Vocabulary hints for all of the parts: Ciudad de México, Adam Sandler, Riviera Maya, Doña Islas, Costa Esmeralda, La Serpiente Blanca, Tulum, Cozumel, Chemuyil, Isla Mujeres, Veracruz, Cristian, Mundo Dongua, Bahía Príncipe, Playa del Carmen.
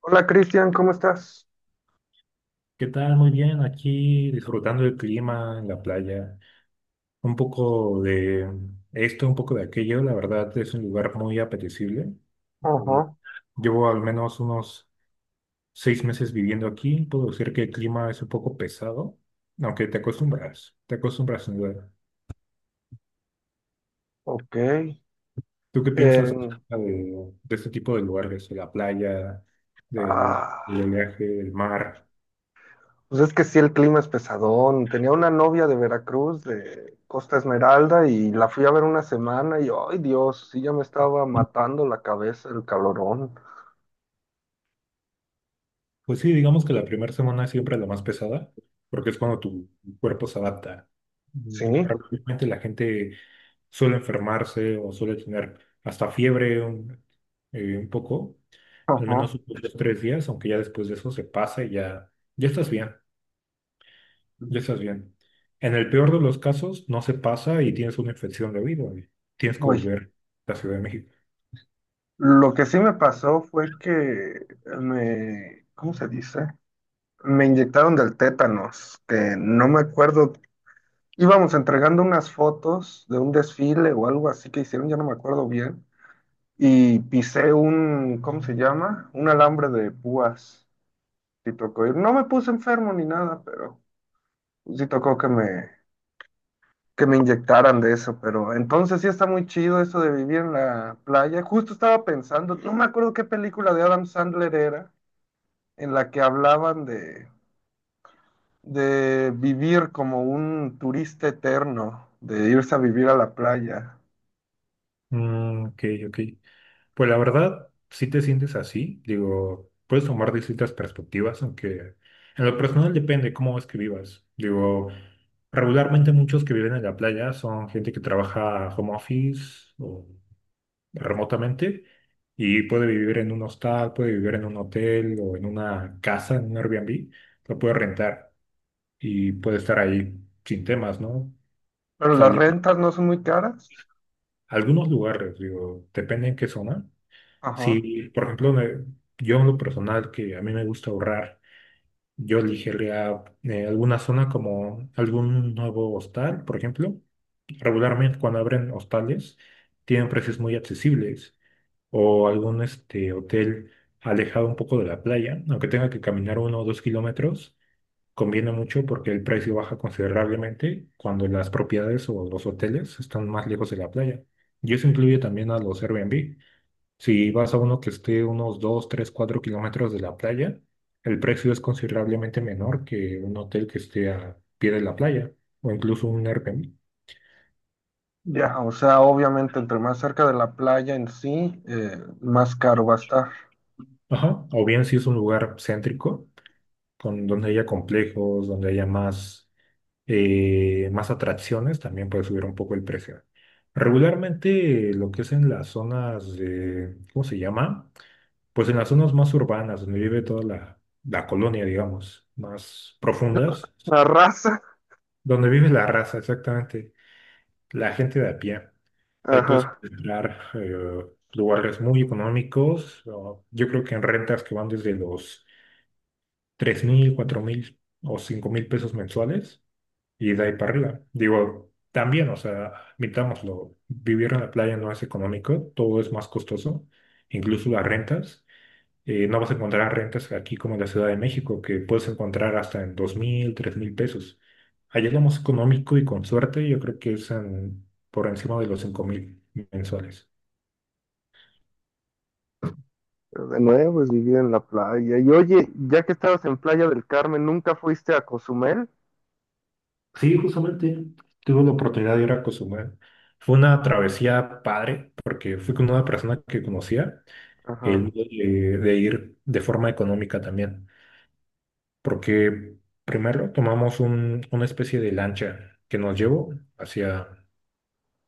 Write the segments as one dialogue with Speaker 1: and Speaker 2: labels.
Speaker 1: Hola, Cristian, ¿cómo estás?
Speaker 2: ¿Qué tal? Muy bien, aquí disfrutando del clima en la playa, un poco de esto, un poco de aquello, la verdad es un lugar muy apetecible. Eh,
Speaker 1: Ajá,
Speaker 2: Llevo al menos unos 6 meses viviendo aquí, puedo decir que el clima es un poco pesado, aunque te acostumbras sin duda.
Speaker 1: ok.
Speaker 2: ¿Tú qué piensas acerca
Speaker 1: En-
Speaker 2: de este tipo de lugares, de la playa, del,
Speaker 1: ah,
Speaker 2: del oleaje, del mar?
Speaker 1: pues es que sí, el clima es pesadón. Tenía una novia de Veracruz, de Costa Esmeralda, y la fui a ver una semana y, ay Dios, sí ya me estaba matando la cabeza el calorón.
Speaker 2: Pues sí, digamos que la primera semana es siempre la más pesada, porque es cuando tu cuerpo se adapta. Mm,
Speaker 1: Sí,
Speaker 2: Realmente la gente suele enfermarse o suele tener hasta fiebre un poco, al menos
Speaker 1: ajá.
Speaker 2: unos 2, 3 días, aunque ya después de eso se pasa y ya, ya estás bien, ya estás bien. En el peor de los casos no se pasa y tienes una infección de oído y tienes que
Speaker 1: Uy,
Speaker 2: volver a la Ciudad de México.
Speaker 1: lo que sí me pasó fue que me, ¿cómo se dice? Me inyectaron del tétanos, que no me acuerdo, íbamos entregando unas fotos de un desfile o algo así que hicieron, ya no me acuerdo bien, y pisé un, ¿cómo se llama? Un alambre de púas. Sí tocó ir. No me puse enfermo ni nada, pero sí tocó que me inyectaran de eso, pero entonces sí está muy chido eso de vivir en la playa. Justo estaba pensando, no me acuerdo qué película de Adam Sandler era, en la que hablaban de vivir como un turista eterno, de irse a vivir a la playa.
Speaker 2: Mm, ok, ok. Pues la verdad, si te sientes así, digo, puedes tomar distintas perspectivas, aunque en lo personal depende cómo es que vivas. Digo, regularmente muchos que viven en la playa son gente que trabaja home office o remotamente y puede vivir en un hostal, puede vivir en un hotel o en una casa, en un Airbnb, lo puede rentar y puede estar ahí sin temas, ¿no?
Speaker 1: Pero las
Speaker 2: Salir
Speaker 1: rentas no son muy caras.
Speaker 2: a algunos lugares, digo, depende en qué zona.
Speaker 1: Ajá.
Speaker 2: Sí, por ejemplo, yo en lo personal, que a mí me gusta ahorrar, yo elegiría alguna zona como algún nuevo hostal, por ejemplo. Regularmente cuando abren hostales tienen precios muy accesibles o algún este, hotel alejado un poco de la playa, aunque tenga que caminar 1 o 2 kilómetros, conviene mucho porque el precio baja considerablemente cuando las propiedades o los hoteles están más lejos de la playa. Y eso incluye también a los Airbnb. Si vas a uno que esté unos 2, 3, 4 kilómetros de la playa, el precio es considerablemente menor que un hotel que esté a pie de la playa o incluso un Airbnb.
Speaker 1: Ya, o sea, obviamente entre más cerca de la playa en sí, más caro va a estar.
Speaker 2: Ajá. O bien si es un lugar céntrico, con, donde haya complejos, donde haya más atracciones, también puede subir un poco el precio. Regularmente lo que es en las zonas de, ¿cómo se llama? Pues en las zonas más urbanas, donde vive toda la colonia, digamos, más profundas.
Speaker 1: La raza.
Speaker 2: Donde vive la raza, exactamente. La gente de a pie. Ahí puedes
Speaker 1: Ajá.
Speaker 2: encontrar lugares muy económicos. O yo creo que en rentas que van desde los 3,000, 4,000 o 5,000 pesos mensuales y de ahí para arriba. Digo, también, o sea, admitámoslo, vivir en la playa no es económico, todo es más costoso, incluso las rentas no vas a encontrar rentas aquí como en la Ciudad de México, que puedes encontrar hasta en 2,000, 3,000 pesos. Allá es lo más económico y con suerte, yo creo que es por encima de los 5,000 mensuales.
Speaker 1: De nuevo es vivir en la playa. Y oye, ya que estabas en Playa del Carmen, ¿nunca fuiste a Cozumel?
Speaker 2: Sí, justamente tuve la oportunidad de ir a Cozumel. Fue una travesía padre, porque fui con una persona que conocía, el
Speaker 1: Ajá.
Speaker 2: de ir de forma económica también, porque primero tomamos una especie de lancha que nos llevó hacia,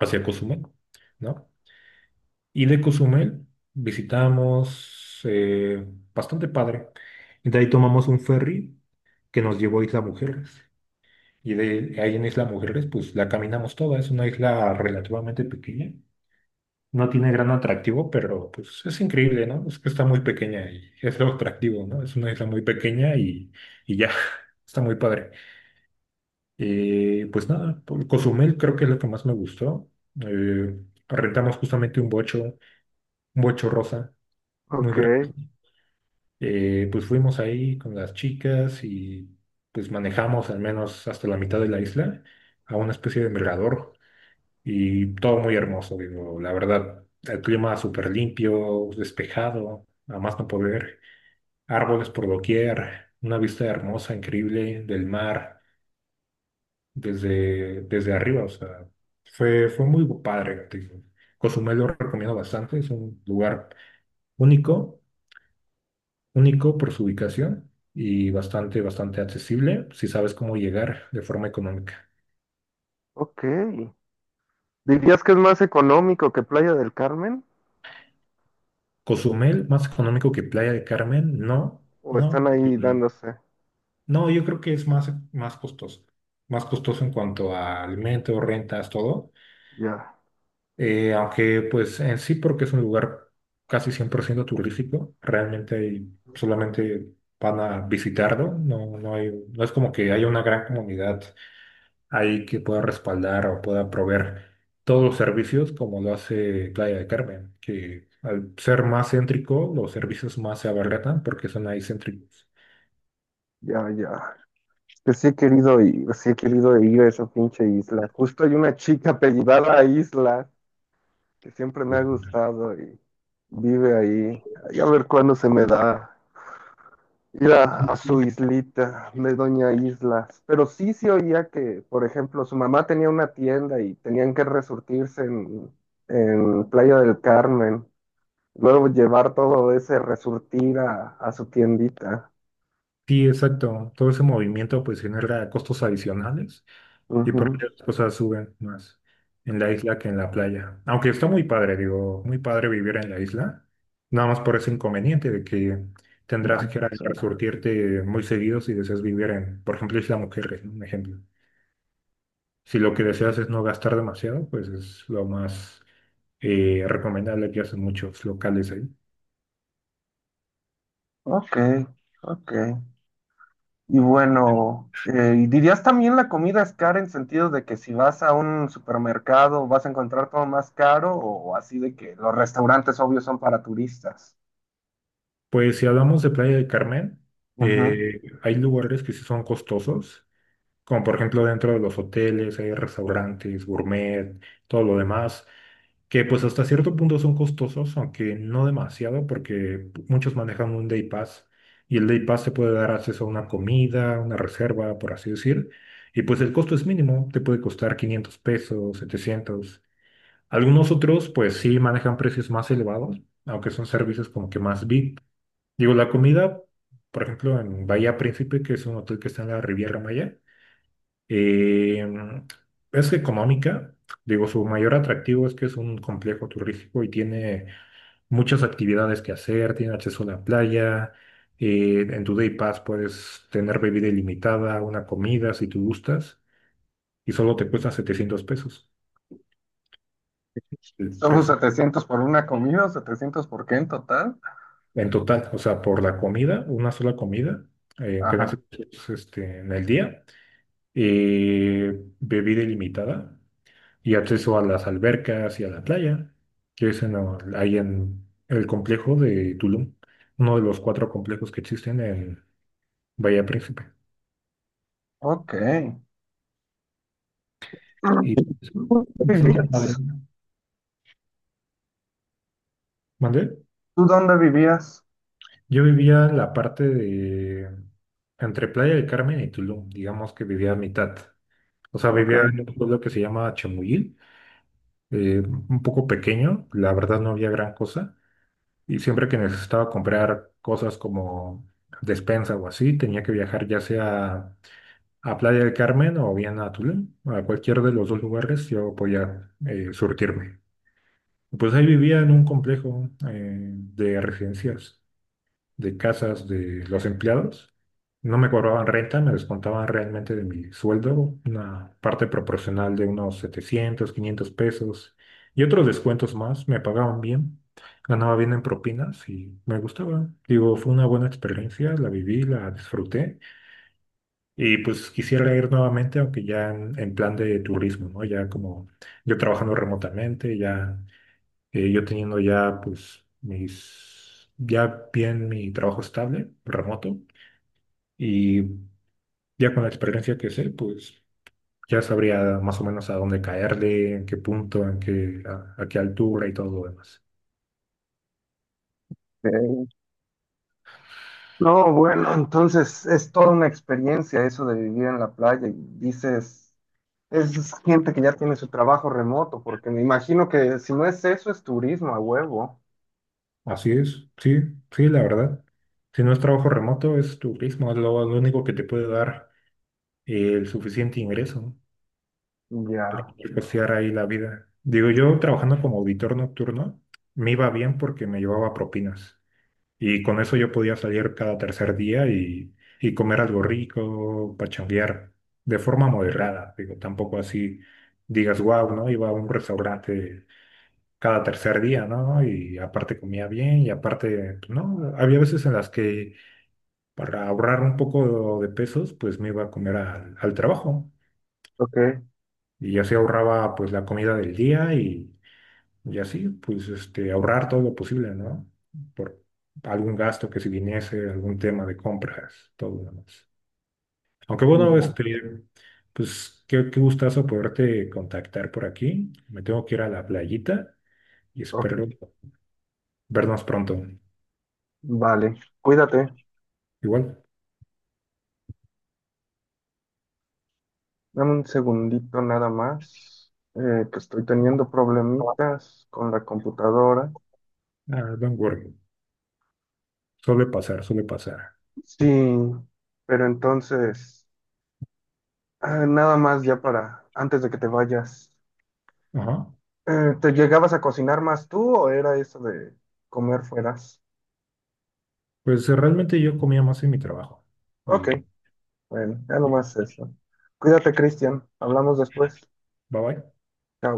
Speaker 2: hacia Cozumel, ¿no? Y de Cozumel visitamos bastante padre. Y de ahí tomamos un ferry que nos llevó a Isla Mujeres. Y de ahí en Isla Mujeres, pues la caminamos toda. Es una isla relativamente pequeña. No tiene gran atractivo, pero pues es increíble, ¿no? Es que está muy pequeña y es lo atractivo, ¿no? Es una isla muy pequeña y ya, está muy padre. Pues nada, por Cozumel creo que es lo que más me gustó. Eh, rentamos justamente un bocho rosa, muy
Speaker 1: Ok,
Speaker 2: grande. Pues fuimos ahí con las chicas y pues manejamos al menos hasta la mitad de la isla a una especie de mirador y todo muy hermoso, digo, la verdad, el clima súper limpio, despejado, a más no poder, árboles por doquier, una vista hermosa, increíble del mar desde arriba, o sea, fue muy padre, digo. Cozumel lo recomiendo bastante, es un lugar único único por su ubicación y bastante, bastante accesible si sabes cómo llegar de forma económica.
Speaker 1: ok. ¿Dirías que es más económico que Playa del Carmen?
Speaker 2: Cozumel, más económico que Playa del Carmen, no,
Speaker 1: ¿O
Speaker 2: no,
Speaker 1: están ahí dándose?
Speaker 2: no, yo creo que es más costoso, más costoso en cuanto a alimentos, rentas, todo.
Speaker 1: Ya,
Speaker 2: Aunque pues en sí porque es un lugar casi 100% turístico, realmente solamente van a visitarlo, no, no hay, no es como que haya una gran comunidad ahí que pueda respaldar o pueda proveer todos los servicios como lo hace Playa de Carmen, que al ser más céntrico, los servicios más se abaratan porque son ahí céntricos.
Speaker 1: ya, ya, que sí he querido ir, sí he querido ir a esa pinche isla. Justo hay una chica apellidada a Isla que siempre me ha gustado y vive ahí. Y a ver cuándo se me da ir a,
Speaker 2: Sí,
Speaker 1: a su islita de Doña Islas. Pero sí se oía que, por ejemplo, su mamá tenía una tienda y tenían que resurtirse en Playa del Carmen. Luego llevar todo ese resurtir a su tiendita.
Speaker 2: sí, exacto. Todo ese movimiento pues genera costos adicionales y por
Speaker 1: Ujú.
Speaker 2: ende las cosas suben más en la isla que en la playa. Aunque está muy padre, digo, muy padre vivir en la isla. Nada más por ese inconveniente de que tendrás
Speaker 1: Vaya,
Speaker 2: que ir a
Speaker 1: son-
Speaker 2: resurtirte muy seguido si deseas vivir en, por ejemplo, Isla Mujeres, ¿no? Un ejemplo. Si lo que deseas es no gastar demasiado, pues es lo más recomendable que hacen muchos locales ahí.
Speaker 1: ok, ok. Y bueno, ¿y dirías también la comida es cara en sentido de que si vas a un supermercado vas a encontrar todo más caro o así de que los restaurantes obvios son para turistas?
Speaker 2: Pues si hablamos de Playa del Carmen,
Speaker 1: Ujú.
Speaker 2: hay lugares que sí son costosos, como por ejemplo dentro de los hoteles, hay restaurantes, gourmet, todo lo demás, que pues hasta cierto punto son costosos, aunque no demasiado, porque muchos manejan un Day Pass y el Day Pass te puede dar acceso a una comida, una reserva, por así decir, y pues el costo es mínimo, te puede costar 500 pesos, 700. Algunos otros pues sí manejan precios más elevados, aunque son servicios como que más VIP. Digo, la comida, por ejemplo, en Bahía Príncipe, que es un hotel que está en la Riviera Maya, eh, es económica, digo, su mayor atractivo es que es un complejo turístico y tiene muchas actividades que hacer, tiene acceso a la playa, en tu Day Pass puedes tener bebida ilimitada, una comida si tú gustas, y solo te cuesta 700 pesos el
Speaker 1: ¿Son los
Speaker 2: precio.
Speaker 1: 700 por una comida o 700 por qué en total?
Speaker 2: En total, o sea, por la comida, una sola comida, que nace
Speaker 1: Ajá.
Speaker 2: este, en el día, bebida ilimitada, y acceso a las albercas y a la playa, que es ahí en el complejo de Tulum, uno de los cuatro complejos que existen en Bahía Príncipe.
Speaker 1: Ok.
Speaker 2: Y es
Speaker 1: ¿Dónde
Speaker 2: bastante padre.
Speaker 1: vivías?
Speaker 2: ¿Mandé?
Speaker 1: ¿Tú dónde vivías?
Speaker 2: Yo vivía en la parte de entre Playa del Carmen y Tulum, digamos que vivía a mitad. O sea,
Speaker 1: Ok.
Speaker 2: vivía en un pueblo que se llama Chemuyil, un poco pequeño, la verdad no había gran cosa. Y siempre que necesitaba comprar cosas como despensa o así, tenía que viajar ya sea a Playa del Carmen o bien a Tulum. A cualquier de los dos lugares yo podía surtirme. Pues ahí vivía en un complejo de residencias de casas de los empleados. No me cobraban renta, me descontaban realmente de mi sueldo, una parte proporcional de unos 700 500 pesos y otros descuentos más. Me pagaban bien, ganaba bien en propinas y me gustaba. Digo, fue una buena experiencia, la viví, la disfruté y pues quisiera ir nuevamente, aunque ya en plan de turismo, ¿no? Ya como yo trabajando remotamente, ya yo teniendo ya, pues, mis, ya bien mi trabajo estable, remoto, y ya con la experiencia que sé, pues, ya sabría más o menos a dónde caerle, en qué punto, en qué, a qué altura y todo lo demás.
Speaker 1: Ok. No, bueno, entonces es toda una experiencia eso de vivir en la playa y dices... Es gente que ya tiene su trabajo remoto, porque me imagino que si no es eso, es turismo a huevo.
Speaker 2: Así es, sí, sí, la verdad. Si no es trabajo remoto, es turismo, es lo único que te puede dar el suficiente ingreso, ¿no?
Speaker 1: Ya,
Speaker 2: Y costear ahí la vida. Digo, yo trabajando como auditor nocturno, me iba bien porque me llevaba propinas. Y con eso yo podía salir cada tercer día y comer algo rico, pachanguear, de forma moderada. Digo, tampoco así digas, wow, ¿no? Iba a un restaurante cada tercer día, ¿no? Y aparte comía bien y aparte, pues, no, había veces en las que para ahorrar un poco de pesos, pues me iba a comer al trabajo.
Speaker 1: ok,
Speaker 2: Y así ahorraba pues la comida del día y así, pues este, ahorrar todo lo posible, ¿no? Por algún gasto que si viniese, algún tema de compras, todo lo demás. Aunque bueno,
Speaker 1: ya,
Speaker 2: este, pues qué gustazo poderte contactar por aquí. Me tengo que ir a la playita y
Speaker 1: ok,
Speaker 2: espero vernos pronto.
Speaker 1: vale. Cuídate,
Speaker 2: Igual,
Speaker 1: dame un segundito nada más, que estoy teniendo problemitas con la computadora.
Speaker 2: ah, don't worry. Suele pasar, suele pasar.
Speaker 1: Sí, pero entonces, ah, nada más ya para, antes de que te vayas,
Speaker 2: Ajá.
Speaker 1: ¿te llegabas a cocinar más tú o era eso de comer fueras?
Speaker 2: Pues realmente yo comía más en mi trabajo.
Speaker 1: Ok.
Speaker 2: Digo,
Speaker 1: Bueno, ya nomás eso. Cuídate, Cristian. Hablamos después.
Speaker 2: bye bye.
Speaker 1: Chao.